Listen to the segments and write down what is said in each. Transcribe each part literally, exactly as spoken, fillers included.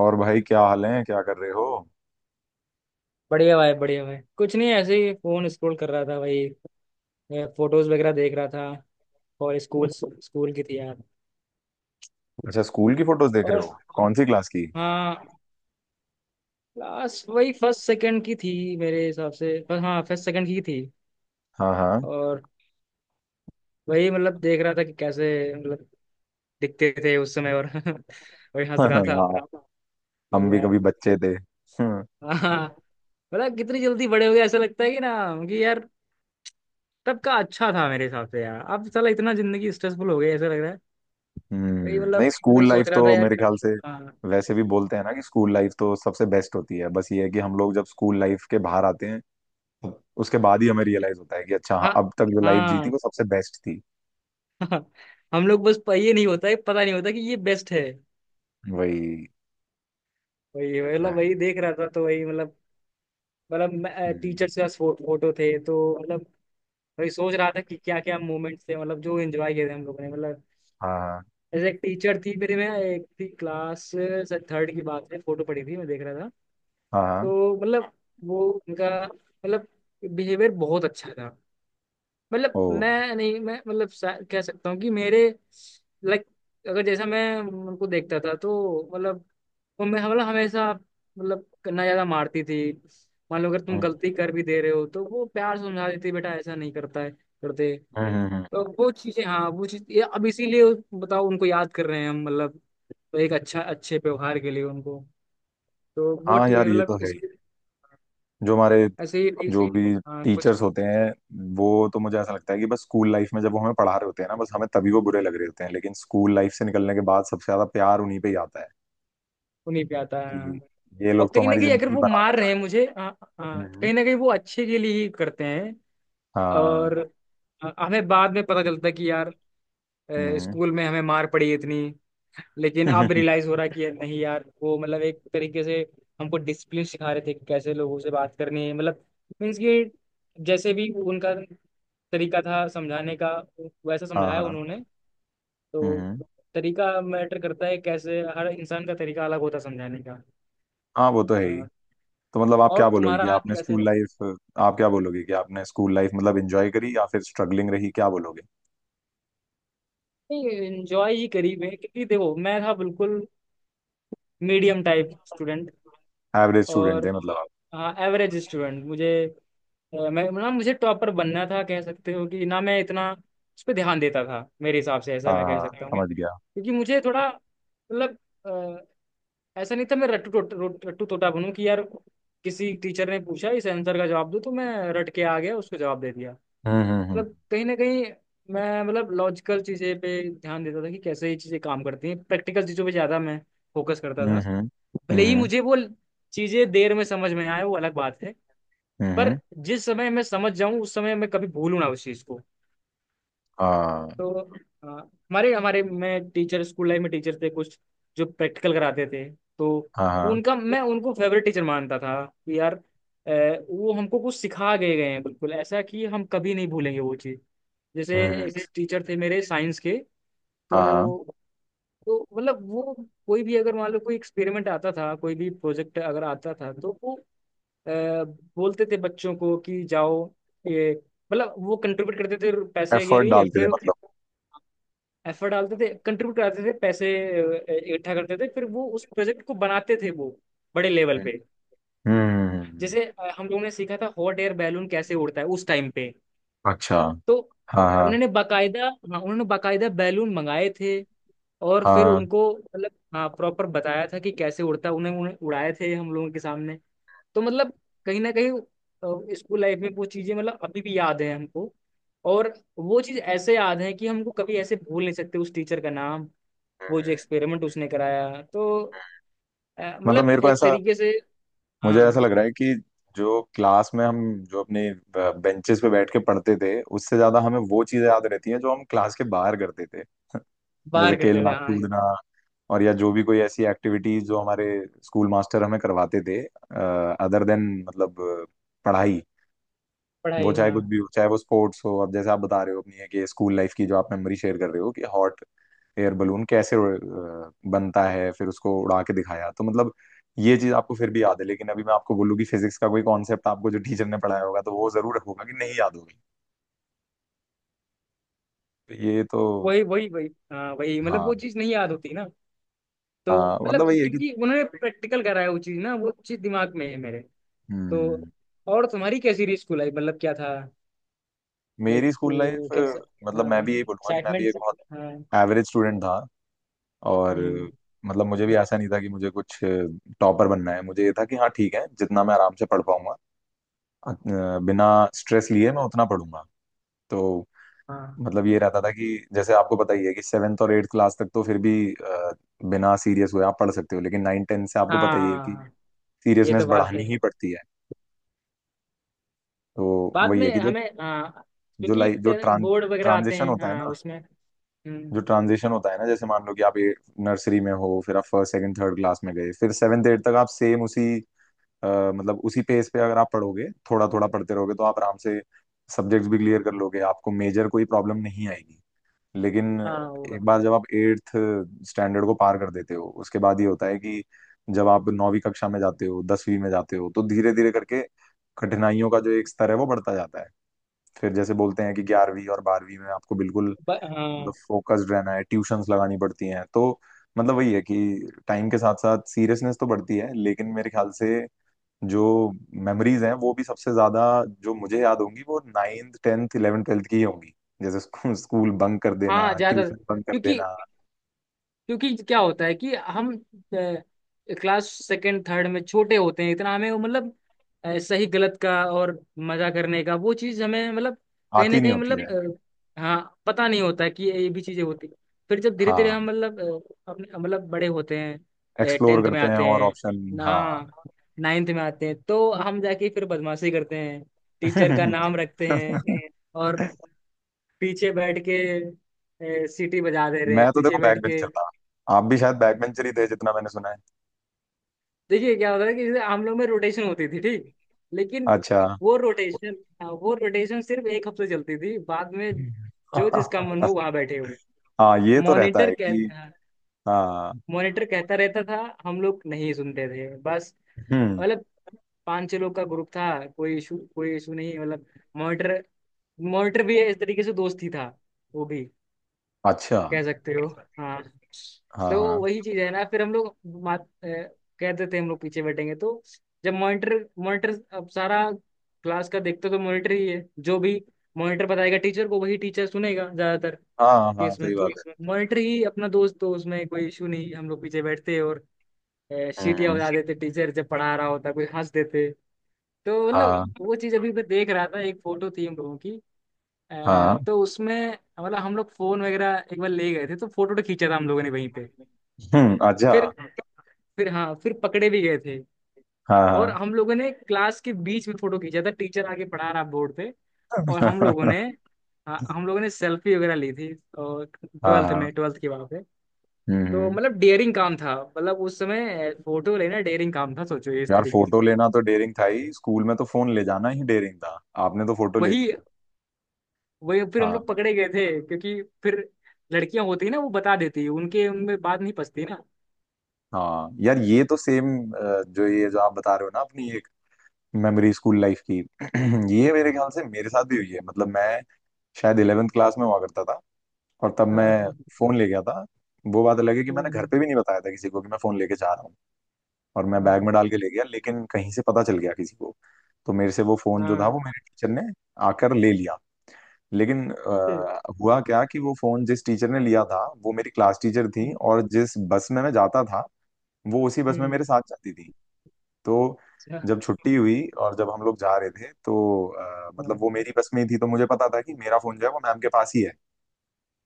और भाई, क्या हाल है? क्या कर रहे हो? बढ़िया भाई बढ़िया भाई, कुछ नहीं, ऐसे ही फोन स्क्रॉल कर रहा था भाई। फोटोज वगैरह देख रहा था। और स्कूल स्कूल की थी यार। अच्छा, स्कूल की फोटोज देख रहे और हो? कौन सी क्लास की? हाँ, क्लास वही फर्स्ट सेकंड की थी मेरे हिसाब से। पर हाँ, फर्स्ट सेकंड की थी। हाँ, हाँ। और वही मतलब देख रहा था कि कैसे मतलब दिखते थे उस समय, और वही हंस रहा था हाँ। हम कि भी यार। कभी बच्चे थे। हम्म। हाँ, मतलब कितनी जल्दी बड़े हो गए, ऐसा लगता है कि ना, कि यार तब का अच्छा था मेरे हिसाब से यार। अब साला इतना जिंदगी स्ट्रेसफुल हो गई, ऐसा लग रहा है। वही हम्म, मतलब नहीं, स्कूल वही लाइफ सोच रहा तो था यार। मेरे ख्याल से हाँ, वैसे भी बोलते हैं ना कि स्कूल लाइफ तो सबसे बेस्ट होती है। बस ये है कि हम लोग जब स्कूल लाइफ के बाहर आते हैं, उसके बाद ही हमें रियलाइज होता है कि अच्छा हाँ, हाँ, अब तक जो लाइफ जी थी हाँ, वो सबसे बेस्ट थी। हाँ। हम लोग बस प- ये नहीं होता है, पता नहीं होता कि ये बेस्ट है। वही। वही ये वही तो मतलब है। वही देख रहा था तो वही मतलब मतलब टीचर हम्म। से फोटो थे, तो मतलब वही सोच रहा था कि क्या क्या मोमेंट्स थे, मतलब जो एंजॉय किए थे हम लोगों ने मतलब। हाँ, हाँ। ऐसे एक टीचर थी मेरे में, एक थी क्लास थर्ड की बात है, फोटो पड़ी थी, मैं देख रहा था। हाँ, हाँ। तो मतलब वो उनका मतलब बिहेवियर बहुत अच्छा था। ओ। मतलब मैं नहीं, मैं मतलब सा- कह सकता हूँ कि मेरे लाइक, अगर जैसा मैं उनको देखता था तो मतलब वो, मैं मतलब हमेशा मतलब ना ज्यादा मारती थी। मान लो अगर तुम हम्म। गलती कर भी दे रहे हो तो वो प्यार से समझा देती, बेटा ऐसा नहीं करता है करते। हम्म। हम्म। हम्म। तो वो चीजें, हाँ, वो चीज ये अब इसीलिए बताओ उनको याद कर रहे हैं हम, मतलब एक अच्छा अच्छे व्यवहार के लिए उनको। तो वो हाँ टी- यार, ये मतलब तो है इस ही। जो हमारे ऐसे ही टी- जो भी हाँ कुछ टीचर्स होते हैं, वो तो मुझे ऐसा लगता है कि बस स्कूल लाइफ में जब वो हमें पढ़ा रहे होते हैं ना, बस हमें तभी वो बुरे लग रहे होते हैं, लेकिन स्कूल लाइफ से निकलने के बाद सबसे ज्यादा प्यार उन्हीं पे ही आता है। उन्हीं पे आता है। कि ये और लोग तो कहीं ना हमारी कहीं अगर जिंदगी वो बनाना मार रहे हैं चाहते मुझे, आ, आ, हैं। हम्म। कहीं ना कहीं वो अच्छे के लिए ही करते हैं। और हाँ। अ, हमें बाद में पता चलता है कि यार, अ, हम्म। स्कूल में हमें मार पड़ी इतनी, लेकिन अब रियलाइज हो रहा है कि यार नहीं यार, वो मतलब एक तरीके से हमको डिसिप्लिन सिखा रहे थे कि कैसे लोगों से बात करनी है, मतलब मीन्स कि जैसे भी उनका तरीका था समझाने का, वैसा हाँ। समझाया हाँ। उन्होंने। तो हम्म। हम्म। तरीका मैटर करता है, कैसे हर इंसान का तरीका अलग होता है समझाने का। हाँ, वो तो है ही। अ, तो मतलब आप क्या और बोलोगे कि तुम्हारा आपने कैसे? स्कूल लाइफ आप क्या बोलोगे कि आपने स्कूल लाइफ मतलब एंजॉय करी या फिर स्ट्रगलिंग रही? क्या बोलोगे? नहीं, एंजॉय ही करी मैं, क्योंकि देखो मैं था बिल्कुल medium type student. Average student और थे मतलब आप? हाँ, एवरेज स्टूडेंट। मुझे अ, मैं ना, मुझे टॉपर बनना था, कह सकते हो कि ना मैं इतना उस पर ध्यान देता था, मेरे हिसाब से ऐसा हाँ, मैं कह हाँ, सकता हूँ, समझ गया। क्योंकि मुझे थोड़ा मतलब अ, ऐसा नहीं था मैं रट्टू टोट- रोट- रट्टू तोता बनूं कि यार किसी टीचर ने पूछा इस आंसर का जवाब दो तो मैं रट के आ गया, उसको जवाब दे दिया। हम्म। हम्म। हम्म। मतलब कहीं ना कहीं मैं मतलब लॉजिकल चीज़ें पे ध्यान देता था कि कैसे ये चीज़ें काम करती हैं, प्रैक्टिकल चीज़ों पे ज़्यादा मैं फोकस करता हम्म। था। हम्म। भले ही हम्म। मुझे वो चीज़ें देर में समझ में आए वो अलग बात है, हम्म। पर हम्म। जिस समय मैं समझ जाऊं उस समय मैं कभी भूलूं ना उस चीज़ को। हाँ, तो अ, हमारे हमारे में टीचर स्कूल लाइफ में टीचर थे कुछ जो प्रैक्टिकल कराते थे। तो हाँ। हाँ। उनका, मैं उनको फेवरेट टीचर मानता था कि यार, अ, वो हमको कुछ सिखा गए गए हैं बिल्कुल ऐसा कि हम कभी नहीं भूलेंगे वो चीज़। जैसे हम्म। एक हम्म। टीचर थे मेरे साइंस के। हाँ, हाँ। तो तो मतलब वो कोई भी अगर मान लो कोई एक्सपेरिमेंट आता था, कोई भी प्रोजेक्ट अगर आता था तो वो अ, बोलते थे बच्चों को कि जाओ ये मतलब वो कंट्रीब्यूट करते थे पैसे के एफर्ट लिए। डालते थे फिर मतलब? एफर्ट डालते थे, कंट्रीब्यूट करते थे पैसे अ, इकट्ठा करते थे, फिर वो उस प्रोजेक्ट को बनाते थे, वो बड़े लेवल पे। हम्म। हम्म। जैसे अ, हम लोगों ने सीखा था हॉट एयर बैलून कैसे उड़ता है उस टाइम पे। अच्छा। तो हाँ, हाँ। उन्होंने बाकायदा, हाँ उन्होंने बाकायदा बैलून मंगाए थे, और फिर हाँ। उनको मतलब, हाँ प्रॉपर बताया था कि कैसे उड़ता है, उन्हें उन्हें उड़ाए थे हम लोगों के सामने। तो मतलब कहीं ना कहीं स्कूल लाइफ में वो चीजें मतलब अभी भी याद है हमको। और वो चीज ऐसे याद है कि हमको कभी ऐसे भूल नहीं सकते उस टीचर का नाम, वो जो एक्सपेरिमेंट उसने कराया। तो अ, मतलब मतलब मेरे को एक ऐसा तरीके से, मुझे हाँ। ऐसा लग रहा है कि जो क्लास में हम जो अपने बेंचेस पे बैठ के पढ़ते थे, उससे ज्यादा हमें वो चीजें याद रहती हैं जो हम क्लास के बाहर करते थे। जैसे बाहर करते खेलना थे, हाँ। कूदना, और या जो भी कोई ऐसी एक्टिविटीज जो हमारे स्कूल मास्टर हमें करवाते थे, अदर देन मतलब अ, पढ़ाई। वो पढ़ाई, चाहे हाँ। कुछ भी हो, चाहे वो स्पोर्ट्स हो। अब जैसे आप बता रहे हो अपनी, है कि स्कूल लाइफ की जो आप मेमोरी शेयर कर रहे हो कि हॉट एयर बलून कैसे अ, बनता है, फिर उसको उड़ा के दिखाया, तो मतलब ये चीज आपको फिर भी याद है, लेकिन अभी मैं आपको बोलूँ कि फिजिक्स का कोई कॉन्सेप्ट आपको जो टीचर ने पढ़ाया होगा, तो वो जरूर होगा कि नहीं याद होगी। तो ये तो। वही वही वही, हाँ, वही मतलब हाँ। वो चीज़ नहीं याद होती ना। तो हाँ, मतलब मतलब वही है कि। क्योंकि उन्होंने प्रैक्टिकल कराया, वो चीज़ ना, वो चीज़ दिमाग में है मेरे। तो हम्म। और तुम्हारी कैसी रही स्कूल लाइफ, मतलब क्या था लाइक, मेरी स्कूल लाइफ। कैसा? मतलब हाँ, मैं भी यही बोलूंगा कि मैं भी एक एक्साइटमेंट। बहुत हाँ। एवरेज स्टूडेंट था। और हम्म। मतलब मुझे भी ऐसा नहीं था कि मुझे कुछ टॉपर बनना है। मुझे ये था कि हाँ ठीक है, जितना मैं आराम से पढ़ पाऊंगा, अ, बिना स्ट्रेस लिए मैं उतना पढ़ूंगा। तो हाँ, मतलब ये रहता था कि जैसे आपको पता ही है कि सेवेंथ और एट्थ क्लास तक तो फिर भी अ, बिना सीरियस हुए आप पढ़ सकते हो, लेकिन नाइन टेंथ से आपको पता ही है कि हाँ। ये सीरियसनेस तो बात है। बढ़ानी ही पड़ती है। तो बाद वही में है कि जो हमें, हाँ, जो क्योंकि लाइफ जो ट्रां बोर्ड वगैरह आते ट्रांजिशन हैं, होता है हाँ ना, उसमें। जो हम्म। ट्रांजिशन होता है ना, जैसे मान लो कि आप नर्सरी में हो, फिर आप फर्स्ट सेकंड थर्ड क्लास में गए, फिर सेवेंथ एट तक आप सेम उसी, अ, मतलब उसी पेस पे अगर आप पढ़ोगे, थोड़ा थोड़ा पढ़ते रहोगे, तो आप आराम से सब्जेक्ट्स भी क्लियर कर लोगे, आपको मेजर कोई प्रॉब्लम नहीं आएगी। लेकिन हाँ, होगा। एक बार जब आप एट्थ स्टैंडर्ड को पार कर देते हो, उसके बाद ये होता है कि जब आप नौवीं कक्षा में जाते हो, दसवीं में जाते हो, तो धीरे धीरे करके कठिनाइयों का जो एक स्तर है वो बढ़ता जाता है। फिर जैसे बोलते हैं कि ग्यारहवीं और बारहवीं में आपको बिल्कुल ब- मतलब हाँ, फोकस्ड रहना है, ट्यूशंस लगानी पड़ती हैं। तो मतलब वही है कि टाइम के साथ साथ सीरियसनेस तो बढ़ती है, लेकिन मेरे ख्याल से जो मेमोरीज हैं वो भी सबसे ज्यादा जो मुझे याद होंगी वो नाइन्थ टेंथ इलेवेंथ ट्वेल्थ की ही होंगी। जैसे स्कूल स्कूल बंक कर देना, हाँ ज्यादा, ट्यूशन बंक कर क्योंकि देना। क्योंकि क्या होता है कि हम क्लास सेकंड थर्ड में छोटे होते हैं, इतना हमें वो मतलब अ, सही गलत का और मजा करने का वो चीज हमें मतलब कहीं आती ना नहीं कहीं होती है। मतलब अ, हाँ, पता नहीं होता है कि ये भी चीजें होती हैं। फिर जब धीरे धीरे हाँ, हम मतलब अ, अपने मतलब बड़े होते हैं, एक्सप्लोर टेंथ में करते हैं आते और हैं ऑप्शन। ना, हाँ। नाइन्थ में आते हैं तो हम जाके फिर बदमाशी करते हैं। टीचर का नाम रखते हैं, और पीछे बैठ के ए, सीटी बजा दे रहे मैं हैं तो पीछे देखो बैठ बैक के। बेंचर था। आप भी शायद बैक बेंचर ही थे, जितना मैंने सुना है। देखिए क्या होता है कि जैसे हम लोग में रोटेशन होती थी, ठीक, लेकिन अच्छा। वो रोटेशन, वो रोटेशन सिर्फ एक हफ्ते चलती थी, बाद में जो जिसका मन हो वहां बैठे हो। हाँ, ये तो रहता मॉनिटर है कह कि। हाँ। मॉनिटर कहता रहता था, हम लोग नहीं सुनते थे बस। हम्म। मतलब पांच छह लोग का ग्रुप था, कोई इशू कोई इशू नहीं मतलब। मॉनिटर मॉनिटर भी इस तरीके से दोस्त ही था वो भी, अच्छा। कह सकते हो। हाँ। हाँ, तो हाँ। वही चीज है ना, फिर हम लोग मात, अ, कहते थे हम लोग पीछे बैठेंगे, तो जब मॉनिटर मॉनिटर अब सारा क्लास का देखते तो मॉनिटर ही है, जो भी मॉनिटर बताएगा टीचर को वही टीचर सुनेगा ज्यादातर हाँ। हाँ, केस में, सही तो बात है। मॉनिटर ही अपना दोस्त, तो उसमें कोई इशू नहीं, हम लोग पीछे बैठते और सीटियां हम्म। बजा देते, टीचर जब पढ़ा रहा होता कोई हंस देते। तो मतलब हाँ। वो चीज अभी मैं देख रहा था, एक फोटो थी हम लोगों की। हाँ। अ, तो उसमें मतलब हम लोग फोन वगैरह एक बार ले गए थे, तो फोटो तो खींचा था हम लोगों ने वहीं पे। हम्म। अच्छा। फिर, फिर हाँ, फिर पकड़े भी गए थे। हाँ, और हाँ। हम लोगों ने क्लास के बीच में फोटो खींचा था, टीचर आके पढ़ा रहा बोर्ड पे, और हम लोगों ने, हाँ, हम लोगों ने सेल्फी वगैरह ली थी, और हाँ, ट्वेल्थ हाँ। में, ट्वेल्थ की, वहाँ पे। हम्म। तो हम्म। मतलब डेयरिंग काम था, मतलब उस समय फोटो लेना डेयरिंग काम था, सोचो इस यार, तरीके से। फोटो लेना तो डेयरिंग था ही, स्कूल में तो फोन ले जाना ही डेयरिंग था। आपने तो फोटो ले वही ली। वही फिर हम हाँ। लोग पकड़े गए थे, क्योंकि फिर लड़कियां होती है ना, वो बता देती है, उनके उनमें बात नहीं पचती ना। हाँ यार, ये तो सेम, जो ये जो आप बता रहे हो ना अपनी एक मेमोरी स्कूल लाइफ की, ये मेरे ख्याल से मेरे साथ भी हुई है। मतलब मैं शायद इलेवेंथ क्लास में हुआ करता था, और तब मैं हाँ। फोन ले गया था। वो बात अलग है कि मैंने घर हम्म। पे भी नहीं बताया था किसी को कि मैं फोन लेके जा रहा हूँ। और मैं बैग में हाँ, डाल के ले गया, लेकिन कहीं से पता चल गया किसी को, तो मेरे से वो फोन जो था वो हाँ। मेरे टीचर ने आकर ले लिया। लेकिन फिर। अ, हुआ क्या कि वो फोन जिस टीचर ने लिया था वो मेरी क्लास टीचर थी, हम्म। और जिस बस में मैं जाता था वो उसी बस में हम्म। मेरे साथ जाती थी। तो अच्छा। जब छुट्टी हुई और जब हम लोग जा रहे थे तो अ, मतलब हाँ, वो मेरी बस में ही थी, तो मुझे पता था कि मेरा फोन जो है वो मैम के पास ही है।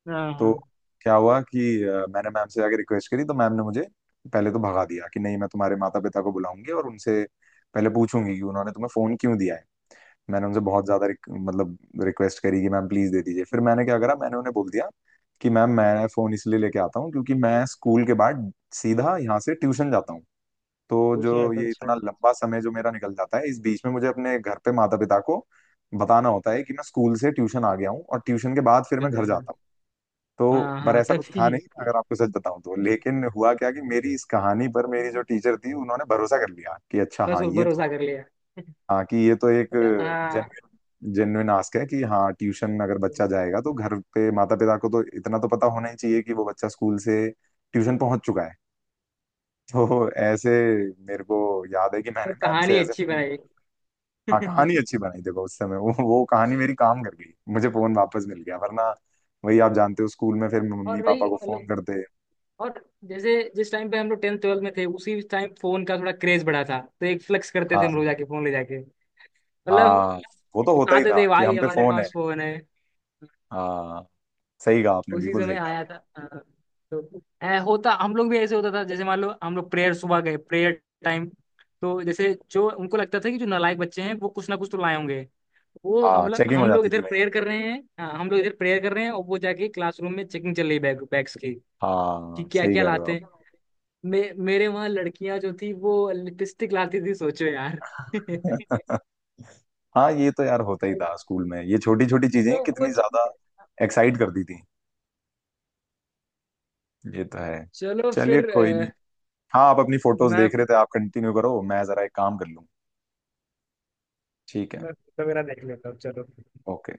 हाँ। तो हाँ, क्या हुआ कि अ, मैंने मैम से जाके रिक्वेस्ट करी, तो मैम ने मुझे पहले तो भगा दिया कि नहीं, मैं तुम्हारे माता पिता को बुलाऊंगी और उनसे पहले पूछूंगी कि उन्होंने तुम्हें फोन क्यों दिया है। मैंने उनसे बहुत ज्यादा रिक, मतलब रिक्वेस्ट करी कि मैम प्लीज दे दीजिए। फिर मैंने क्या करा, मैंने उन्हें बोल दिया कि मैम मैं फोन इसलिए लेके आता हूँ क्योंकि मैं स्कूल के बाद सीधा यहाँ से ट्यूशन जाता हूँ। तो विषय जो तो ये अच्छा है, इतना लंबा समय जो मेरा निकल जाता है, इस बीच में मुझे अपने घर पे माता पिता को बताना होता है कि मैं स्कूल से ट्यूशन आ गया हूँ, और ट्यूशन के बाद फिर मैं समझा घर हाँ जाता हूँ। तो हाँ पर हाँ, ऐसा कुछ था तभी। नहीं, अगर आपको सच बताऊं तो, लेकिन हुआ क्या कि मेरी इस कहानी पर मेरी जो टीचर थी उन्होंने भरोसा कर लिया कि अच्छा बस हाँ वो ये भरोसा तो। कर लिया। हाँ, कि ये तो एक मतलब हाँ। जेन्युइन जेन्युइन आस्क है कि हाँ ट्यूशन अगर तो बच्चा जाएगा तो घर पे माता पिता को तो इतना तो पता होना ही चाहिए कि वो बच्चा स्कूल से ट्यूशन पहुंच चुका है। तो ऐसे मेरे को याद है कि मैंने मैम से कहानी ऐसे अच्छी फोन। बनाई। हाँ, कहानी अच्छी बनाई, देखो उस समय वो वो कहानी मेरी काम कर गई, मुझे फोन वापस मिल गया, वरना वही आप जानते हो स्कूल में फिर मम्मी और वही पापा को फोन मतलब, करते। और जैसे जिस टाइम पे हम लोग टेंथ ट्वेल्थ में थे उसी टाइम फोन का थोड़ा क्रेज बढ़ा था, तो एक फ्लेक्स करते थे हम हाँ। लोग जाके, फोन ले जाके मतलब हाँ, वो तो होता ही दिखाते था थे कि भाई हम पे हमारे फोन है। पास फोन है। हाँ सही कहा आपने, उसी बिल्कुल सही समय आया कहा। था, हाँ। तो ऐ- होता हम लोग भी, ऐसे होता था जैसे मान लो हम लोग प्रेयर सुबह गए प्रेयर टाइम, तो जैसे जो उनको लगता था कि जो नालायक बच्चे हैं वो कुछ ना कुछ तो लाए होंगे, वो हम हाँ, लोग, चेकिंग हो हम लोग जाती इधर थी। प्रेयर कर रहे हैं, हाँ हम लोग इधर प्रेयर कर रहे हैं, और वो जाके क्लासरूम में चेकिंग चल रही है बैग बैग्स की, कि हाँ, क्या सही क्या कह रहे हो लाते आप। हैं। मे, मेरे वहां लड़कियां जो थी वो लिपस्टिक लाती थी, सोचो यार। हाँ ये तो यार होता ही तो था स्कूल में, ये छोटी छोटी चीजें वो कितनी ज्यादा चीज़- एक्साइट करती थी। ये तो है। चलो चलिए फिर, कोई अ, नहीं। हाँ, आप अपनी फोटोज मैं, देख रहे थे, आप कंटिन्यू करो, मैं जरा एक काम कर लूँ। ठीक है। मैं तो मेरा देख लेता हूँ, चलो। ओके।